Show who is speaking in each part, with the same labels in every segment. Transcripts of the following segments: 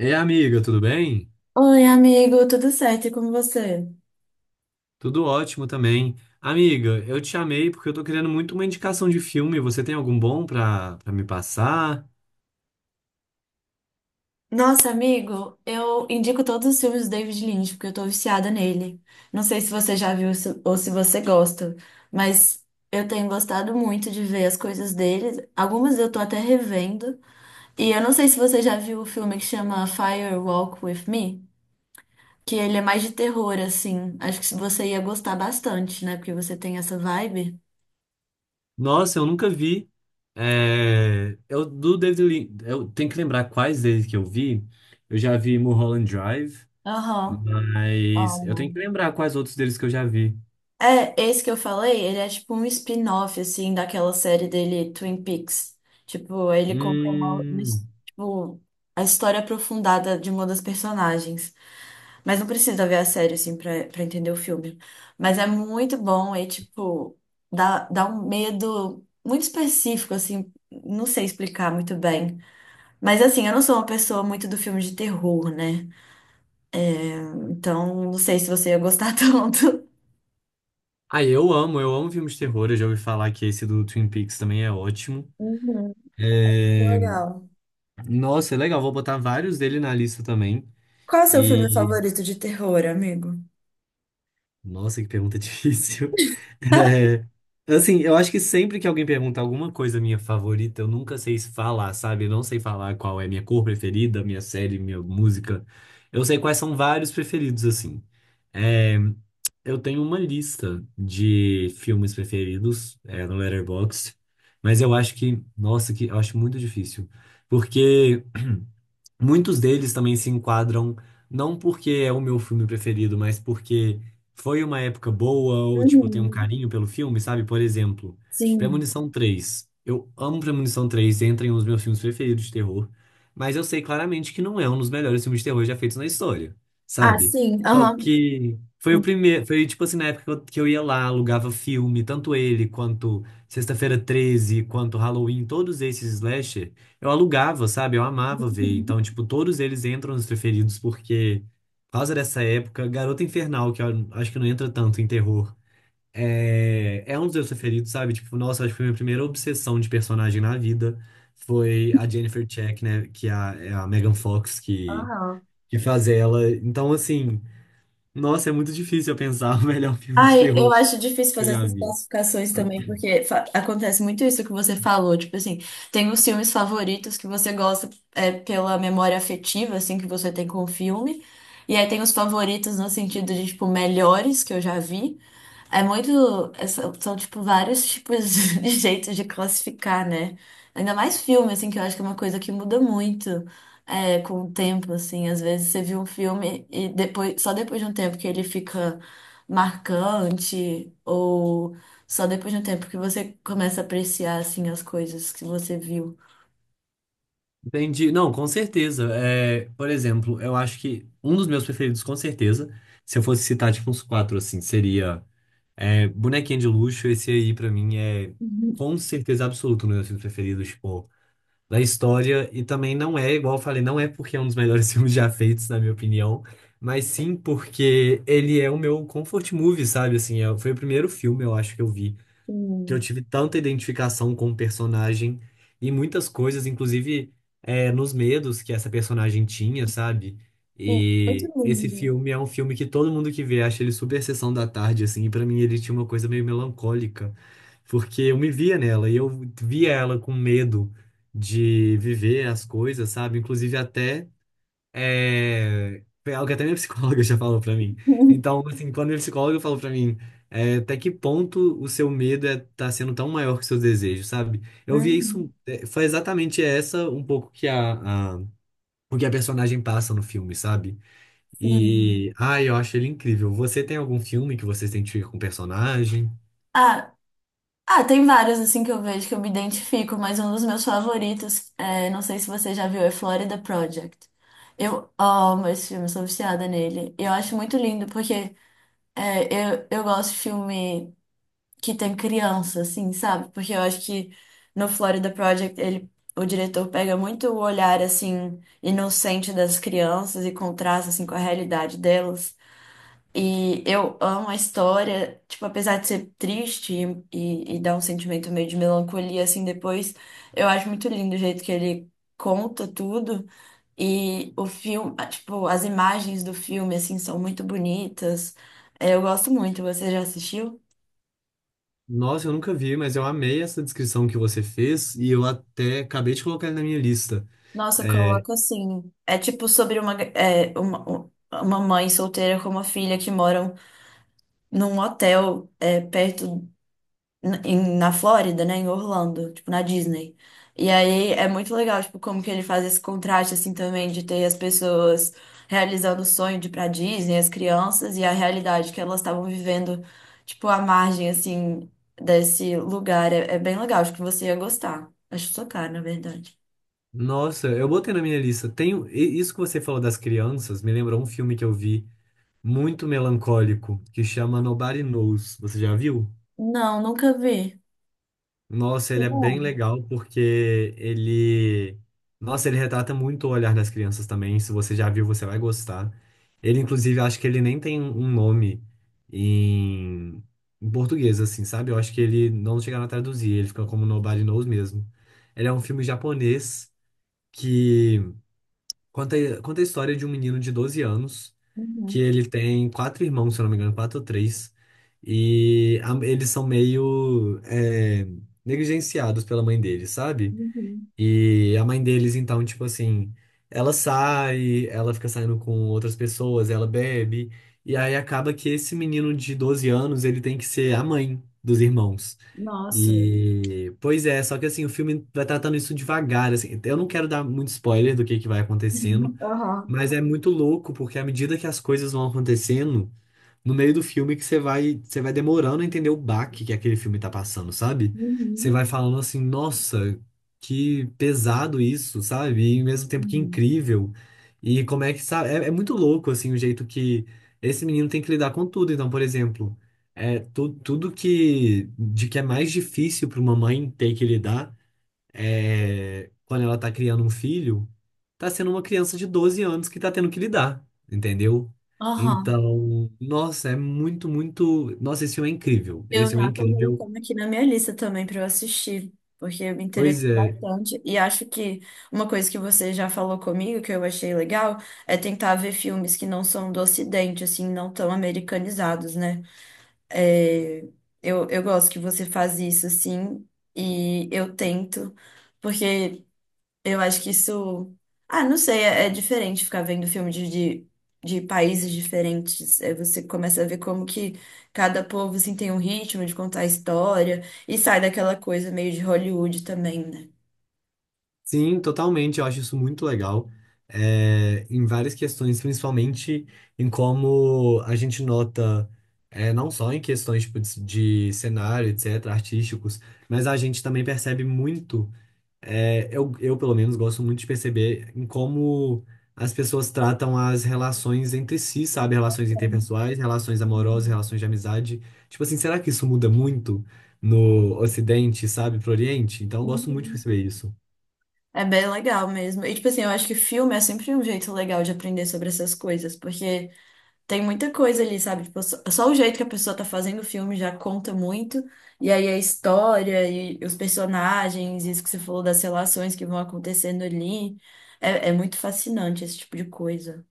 Speaker 1: Ei, amiga, tudo bem?
Speaker 2: Oi, amigo, tudo certo? E com você?
Speaker 1: Tudo ótimo também. Amiga, eu te chamei porque eu tô querendo muito uma indicação de filme. Você tem algum bom pra me passar?
Speaker 2: Nossa, amigo, eu indico todos os filmes do David Lynch, porque eu tô viciada nele. Não sei se você já viu ou se você gosta, mas eu tenho gostado muito de ver as coisas dele. Algumas eu tô até revendo. E eu não sei se você já viu o filme que chama Fire Walk With Me, que ele é mais de terror, assim. Acho que você ia gostar bastante, né? Porque você tem essa vibe.
Speaker 1: Nossa, eu nunca vi. É, eu, do David Lin- eu tenho que lembrar quais deles que eu vi. Eu já vi Mulholland Drive,
Speaker 2: Aham.
Speaker 1: mas eu tenho
Speaker 2: Amo.
Speaker 1: que lembrar quais outros deles que eu já vi.
Speaker 2: É, esse que eu falei, ele é tipo um spin-off, assim, daquela série dele, Twin Peaks. Tipo, ele conta uma
Speaker 1: Hum.
Speaker 2: tipo, a história aprofundada de uma das personagens. Mas não precisa ver a série, assim, pra entender o filme. Mas é muito bom e, tipo, dá um medo muito específico, assim, não sei explicar muito bem. Mas, assim, eu não sou uma pessoa muito do filme de terror, né? Então, não sei se você ia gostar tanto.
Speaker 1: Ah, eu amo filmes de terror. Eu já ouvi falar que esse do Twin Peaks também é ótimo.
Speaker 2: Uhum, que
Speaker 1: É,
Speaker 2: legal.
Speaker 1: Nossa, é legal. Vou botar vários dele na lista também.
Speaker 2: Qual é o seu filme
Speaker 1: E.
Speaker 2: favorito de terror, amigo?
Speaker 1: Nossa, que pergunta difícil. É, Assim, eu acho que sempre que alguém pergunta alguma coisa minha favorita, eu nunca sei falar, sabe? Eu não sei falar qual é minha cor preferida, minha série, minha música. Eu sei quais são vários preferidos, assim. É, Eu tenho uma lista de filmes preferidos, é, no Letterboxd, mas eu acho que, nossa, que eu acho muito difícil, porque muitos deles também se enquadram, não porque é o meu filme preferido, mas porque foi uma época boa, ou tipo, eu tenho um
Speaker 2: Uhum.
Speaker 1: carinho pelo filme, sabe? Por exemplo,
Speaker 2: Sim.
Speaker 1: Premonição três eu amo Premonição 3, entra em um dos meus filmes preferidos de terror, mas eu sei claramente que não é um dos melhores filmes de terror já feitos na história,
Speaker 2: Ah,
Speaker 1: sabe?
Speaker 2: sim.
Speaker 1: Só
Speaker 2: Aham.
Speaker 1: que foi o primeiro, foi tipo assim, na época que eu ia lá, alugava filme, tanto ele quanto Sexta-feira 13 quanto Halloween, todos esses slasher. Eu alugava, sabe? Eu amava ver.
Speaker 2: Uhum.
Speaker 1: Então, tipo, todos eles entram nos preferidos, porque, por causa dessa época, Garota Infernal, que eu acho que não entra tanto em terror, é um dos meus preferidos, sabe? Tipo, nossa, acho que foi a minha primeira obsessão de personagem na vida. Foi a Jennifer Check, né? Que é a Megan Fox que,
Speaker 2: Aham.
Speaker 1: que faz ela. Então, assim, nossa, é muito difícil eu pensar o melhor filme de
Speaker 2: Ai, eu
Speaker 1: terror
Speaker 2: acho difícil
Speaker 1: que eu
Speaker 2: fazer
Speaker 1: já
Speaker 2: essas
Speaker 1: vi.
Speaker 2: classificações também, porque acontece muito isso que você falou. Tipo assim, tem os filmes favoritos que você gosta pela memória afetiva, assim, que você tem com o filme. E aí tem os favoritos no sentido de, tipo, melhores que eu já vi. São, tipo, vários tipos de jeitos de classificar, né? Ainda mais filme, assim, que eu acho que é uma coisa que muda muito com o tempo, assim. Às vezes você viu um filme e depois, só depois de um tempo que ele fica marcante, ou só depois de um tempo que você começa a apreciar, assim, as coisas que você viu.
Speaker 1: Entendi. Não, com certeza. Por exemplo, eu acho que um dos meus preferidos, com certeza, se eu fosse citar tipo uns quatro assim, seria Bonequinha de Luxo. Esse aí pra mim é,
Speaker 2: Uhum.
Speaker 1: com certeza, absoluto um dos meus filmes preferidos, tipo, da história. E também não é, igual eu falei, não é porque é um dos melhores filmes já feitos, na minha opinião, mas sim porque ele é o meu comfort movie, sabe? Assim, foi o primeiro filme, eu acho, que eu vi, que eu
Speaker 2: Sim,
Speaker 1: tive tanta identificação com o personagem e muitas coisas, inclusive nos medos que essa personagem tinha, sabe?
Speaker 2: sim, muito
Speaker 1: E esse
Speaker 2: lindo.
Speaker 1: filme é um filme que todo mundo que vê acha ele super sessão da tarde, assim, e pra mim ele tinha uma coisa meio melancólica, porque eu me via nela e eu via ela com medo de viver as coisas, sabe? Inclusive até. Foi algo que até minha psicóloga já falou pra mim. Então, assim, quando minha psicóloga falou pra mim, até que ponto o seu medo tá sendo tão maior que o seu desejo, sabe? Eu via isso,
Speaker 2: Uhum.
Speaker 1: foi exatamente essa um pouco que o que a personagem passa no filme, sabe?
Speaker 2: Sim.
Speaker 1: E, ai, eu acho ele incrível. Você tem algum filme que você se identifica com o personagem?
Speaker 2: Ah, Ah, tem vários assim que eu vejo que eu me identifico, mas um dos meus favoritos, não sei se você já viu, é Florida Project. Eu amo esse filme, sou viciada nele. Eu acho muito lindo porque é, eu gosto de filme que tem criança, assim, sabe? Porque eu acho que no Florida Project o diretor pega muito o olhar assim inocente das crianças e contrasta assim com a realidade delas. E eu amo a história, tipo, apesar de ser triste e dar um sentimento meio de melancolia, assim, depois, eu acho muito lindo o jeito que ele conta tudo. E o filme, ah, tipo, as imagens do filme, assim, são muito bonitas. Eu gosto muito. Você já assistiu?
Speaker 1: Nossa, eu nunca vi, mas eu amei essa descrição que você fez e eu até acabei de colocar ele na minha lista.
Speaker 2: Nossa,
Speaker 1: É,
Speaker 2: coloca assim. É tipo sobre uma mãe solteira com uma filha que moram num hotel, perto. Na Flórida, né, em Orlando, tipo, na Disney. E aí é muito legal, tipo, como que ele faz esse contraste, assim, também, de ter as pessoas realizando o sonho de ir pra Disney, as crianças, e a realidade que elas estavam vivendo, tipo, à margem, assim, desse lugar. É bem legal, acho que você ia gostar. Acho sua cara, na verdade.
Speaker 1: Nossa, eu botei na minha lista. Isso que você falou das crianças me lembrou um filme que eu vi muito melancólico, que chama Nobody Knows. Você já viu?
Speaker 2: Não, nunca vi.
Speaker 1: Nossa, ele é
Speaker 2: Como
Speaker 1: bem
Speaker 2: é?
Speaker 1: legal porque ele. Nossa, ele retrata muito o olhar das crianças também. Se você já viu, você vai gostar. Ele, inclusive, acho que ele nem tem um nome em, em português, assim, sabe? Eu acho que ele não chegaram a traduzir, ele fica como Nobody Knows mesmo. Ele é um filme japonês que. Conta a história de um menino de 12 anos, que
Speaker 2: Uhum,
Speaker 1: ele tem quatro irmãos, se eu não me engano, quatro ou três, e eles são meio negligenciados pela mãe deles, sabe?
Speaker 2: uhum.
Speaker 1: E a mãe deles, então, tipo assim, ela sai, ela fica saindo com outras pessoas, ela bebe, e aí acaba que esse menino de 12 anos, ele tem que ser a mãe dos irmãos.
Speaker 2: Nossa.
Speaker 1: E, pois é, só que assim, o filme vai tratando isso devagar, assim. Eu não quero dar muito spoiler do que vai acontecendo,
Speaker 2: Aham.
Speaker 1: mas é muito louco, porque à medida que as coisas vão acontecendo, no meio do filme que você vai demorando a entender o baque que aquele filme tá passando, sabe? Você
Speaker 2: Uhum.
Speaker 1: vai falando assim, nossa, que pesado isso, sabe? E ao mesmo tempo que
Speaker 2: Uhum.
Speaker 1: incrível. E como é que, sabe? É muito louco, assim, o jeito que esse menino tem que lidar com tudo. Então, por exemplo, tudo de que é mais difícil para uma mãe ter que lidar quando ela tá criando um filho, tá sendo uma criança de 12 anos que tá tendo que lidar, entendeu?
Speaker 2: Aham.
Speaker 1: Então, nossa, é muito, muito. Nossa, esse filme é incrível. Esse
Speaker 2: Eu
Speaker 1: filme é
Speaker 2: já tô
Speaker 1: incrível.
Speaker 2: colocando aqui na minha lista também para eu assistir, porque eu me
Speaker 1: Pois
Speaker 2: interessei
Speaker 1: é,
Speaker 2: bastante. E acho que uma coisa que você já falou comigo, que eu achei legal, é tentar ver filmes que não são do Ocidente, assim, não tão americanizados, né? É, eu gosto que você faz isso, assim, e eu tento, porque. Eu acho que isso. Ah, não sei, é diferente ficar vendo filme de países diferentes. Aí você começa a ver como que cada povo assim, tem um ritmo de contar a história e sai daquela coisa meio de Hollywood também, né?
Speaker 1: sim, totalmente. Eu acho isso muito legal. Em várias questões, principalmente em como a gente nota, não só em questões, tipo, de cenário, etc., artísticos, mas a gente também percebe muito. Eu, pelo menos, gosto muito de perceber em como as pessoas tratam as relações entre si, sabe? Relações interpessoais, relações amorosas,
Speaker 2: Uhum.
Speaker 1: relações de amizade. Tipo assim, será que isso muda muito no Ocidente, sabe? Pro Oriente? Então, eu gosto muito de
Speaker 2: Uhum.
Speaker 1: perceber isso.
Speaker 2: É bem legal mesmo. E, tipo assim, eu acho que filme é sempre um jeito legal de aprender sobre essas coisas, porque. Tem muita coisa ali, sabe? Tipo, só o jeito que a pessoa tá fazendo o filme já conta muito. E aí a história e os personagens, isso que você falou das relações que vão acontecendo ali. É muito fascinante esse tipo de coisa.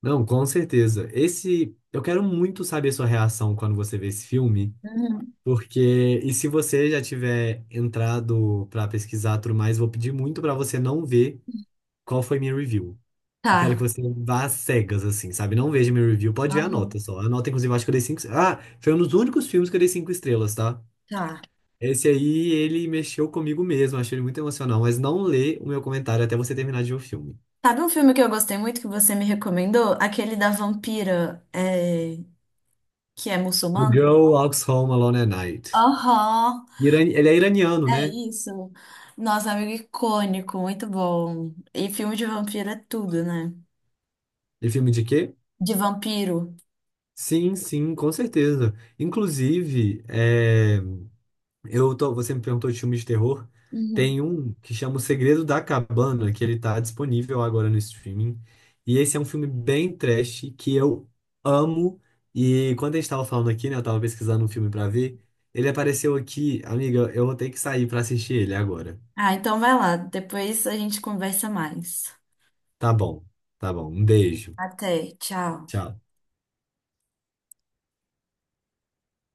Speaker 1: Não, com certeza. Esse, eu quero muito saber sua reação quando você vê esse filme,
Speaker 2: Uhum.
Speaker 1: porque, e se você já tiver entrado pra pesquisar tudo mais, vou pedir muito pra você não ver qual foi minha review. Eu quero que
Speaker 2: Tá.
Speaker 1: você vá às cegas, assim, sabe? Não veja meu review, pode ver a nota
Speaker 2: Aham.
Speaker 1: só. A nota, inclusive, eu acho que eu dei cinco. Ah, foi um dos únicos filmes que eu dei 5 estrelas, tá?
Speaker 2: Tá.
Speaker 1: Esse aí, ele mexeu comigo mesmo, achei ele muito emocional, mas não lê o meu comentário até você terminar de ver o filme.
Speaker 2: Sabe um filme que eu gostei muito que você me recomendou? Aquele da vampira, que é
Speaker 1: A
Speaker 2: muçulmana?
Speaker 1: Girl Walks Home Alone at Night.
Speaker 2: Aham.
Speaker 1: Ele é iraniano,
Speaker 2: É
Speaker 1: né?
Speaker 2: isso. Nossa, amigo icônico, muito bom. E filme de vampiro é tudo, né?
Speaker 1: Ele é filme de quê?
Speaker 2: De vampiro.
Speaker 1: Sim, sim, com certeza. Inclusive, você me perguntou de filme de terror.
Speaker 2: Uhum.
Speaker 1: Tem um que chama O Segredo da Cabana, que ele tá disponível agora no streaming. E esse é um filme bem trash que eu amo. E quando a gente tava falando aqui, né, eu tava pesquisando um filme pra ver, ele apareceu aqui. Amiga, eu vou ter que sair pra assistir ele agora.
Speaker 2: Ah, então vai lá. Depois a gente conversa mais.
Speaker 1: Tá bom. Tá bom. Um beijo.
Speaker 2: Até, tchau.
Speaker 1: Tchau.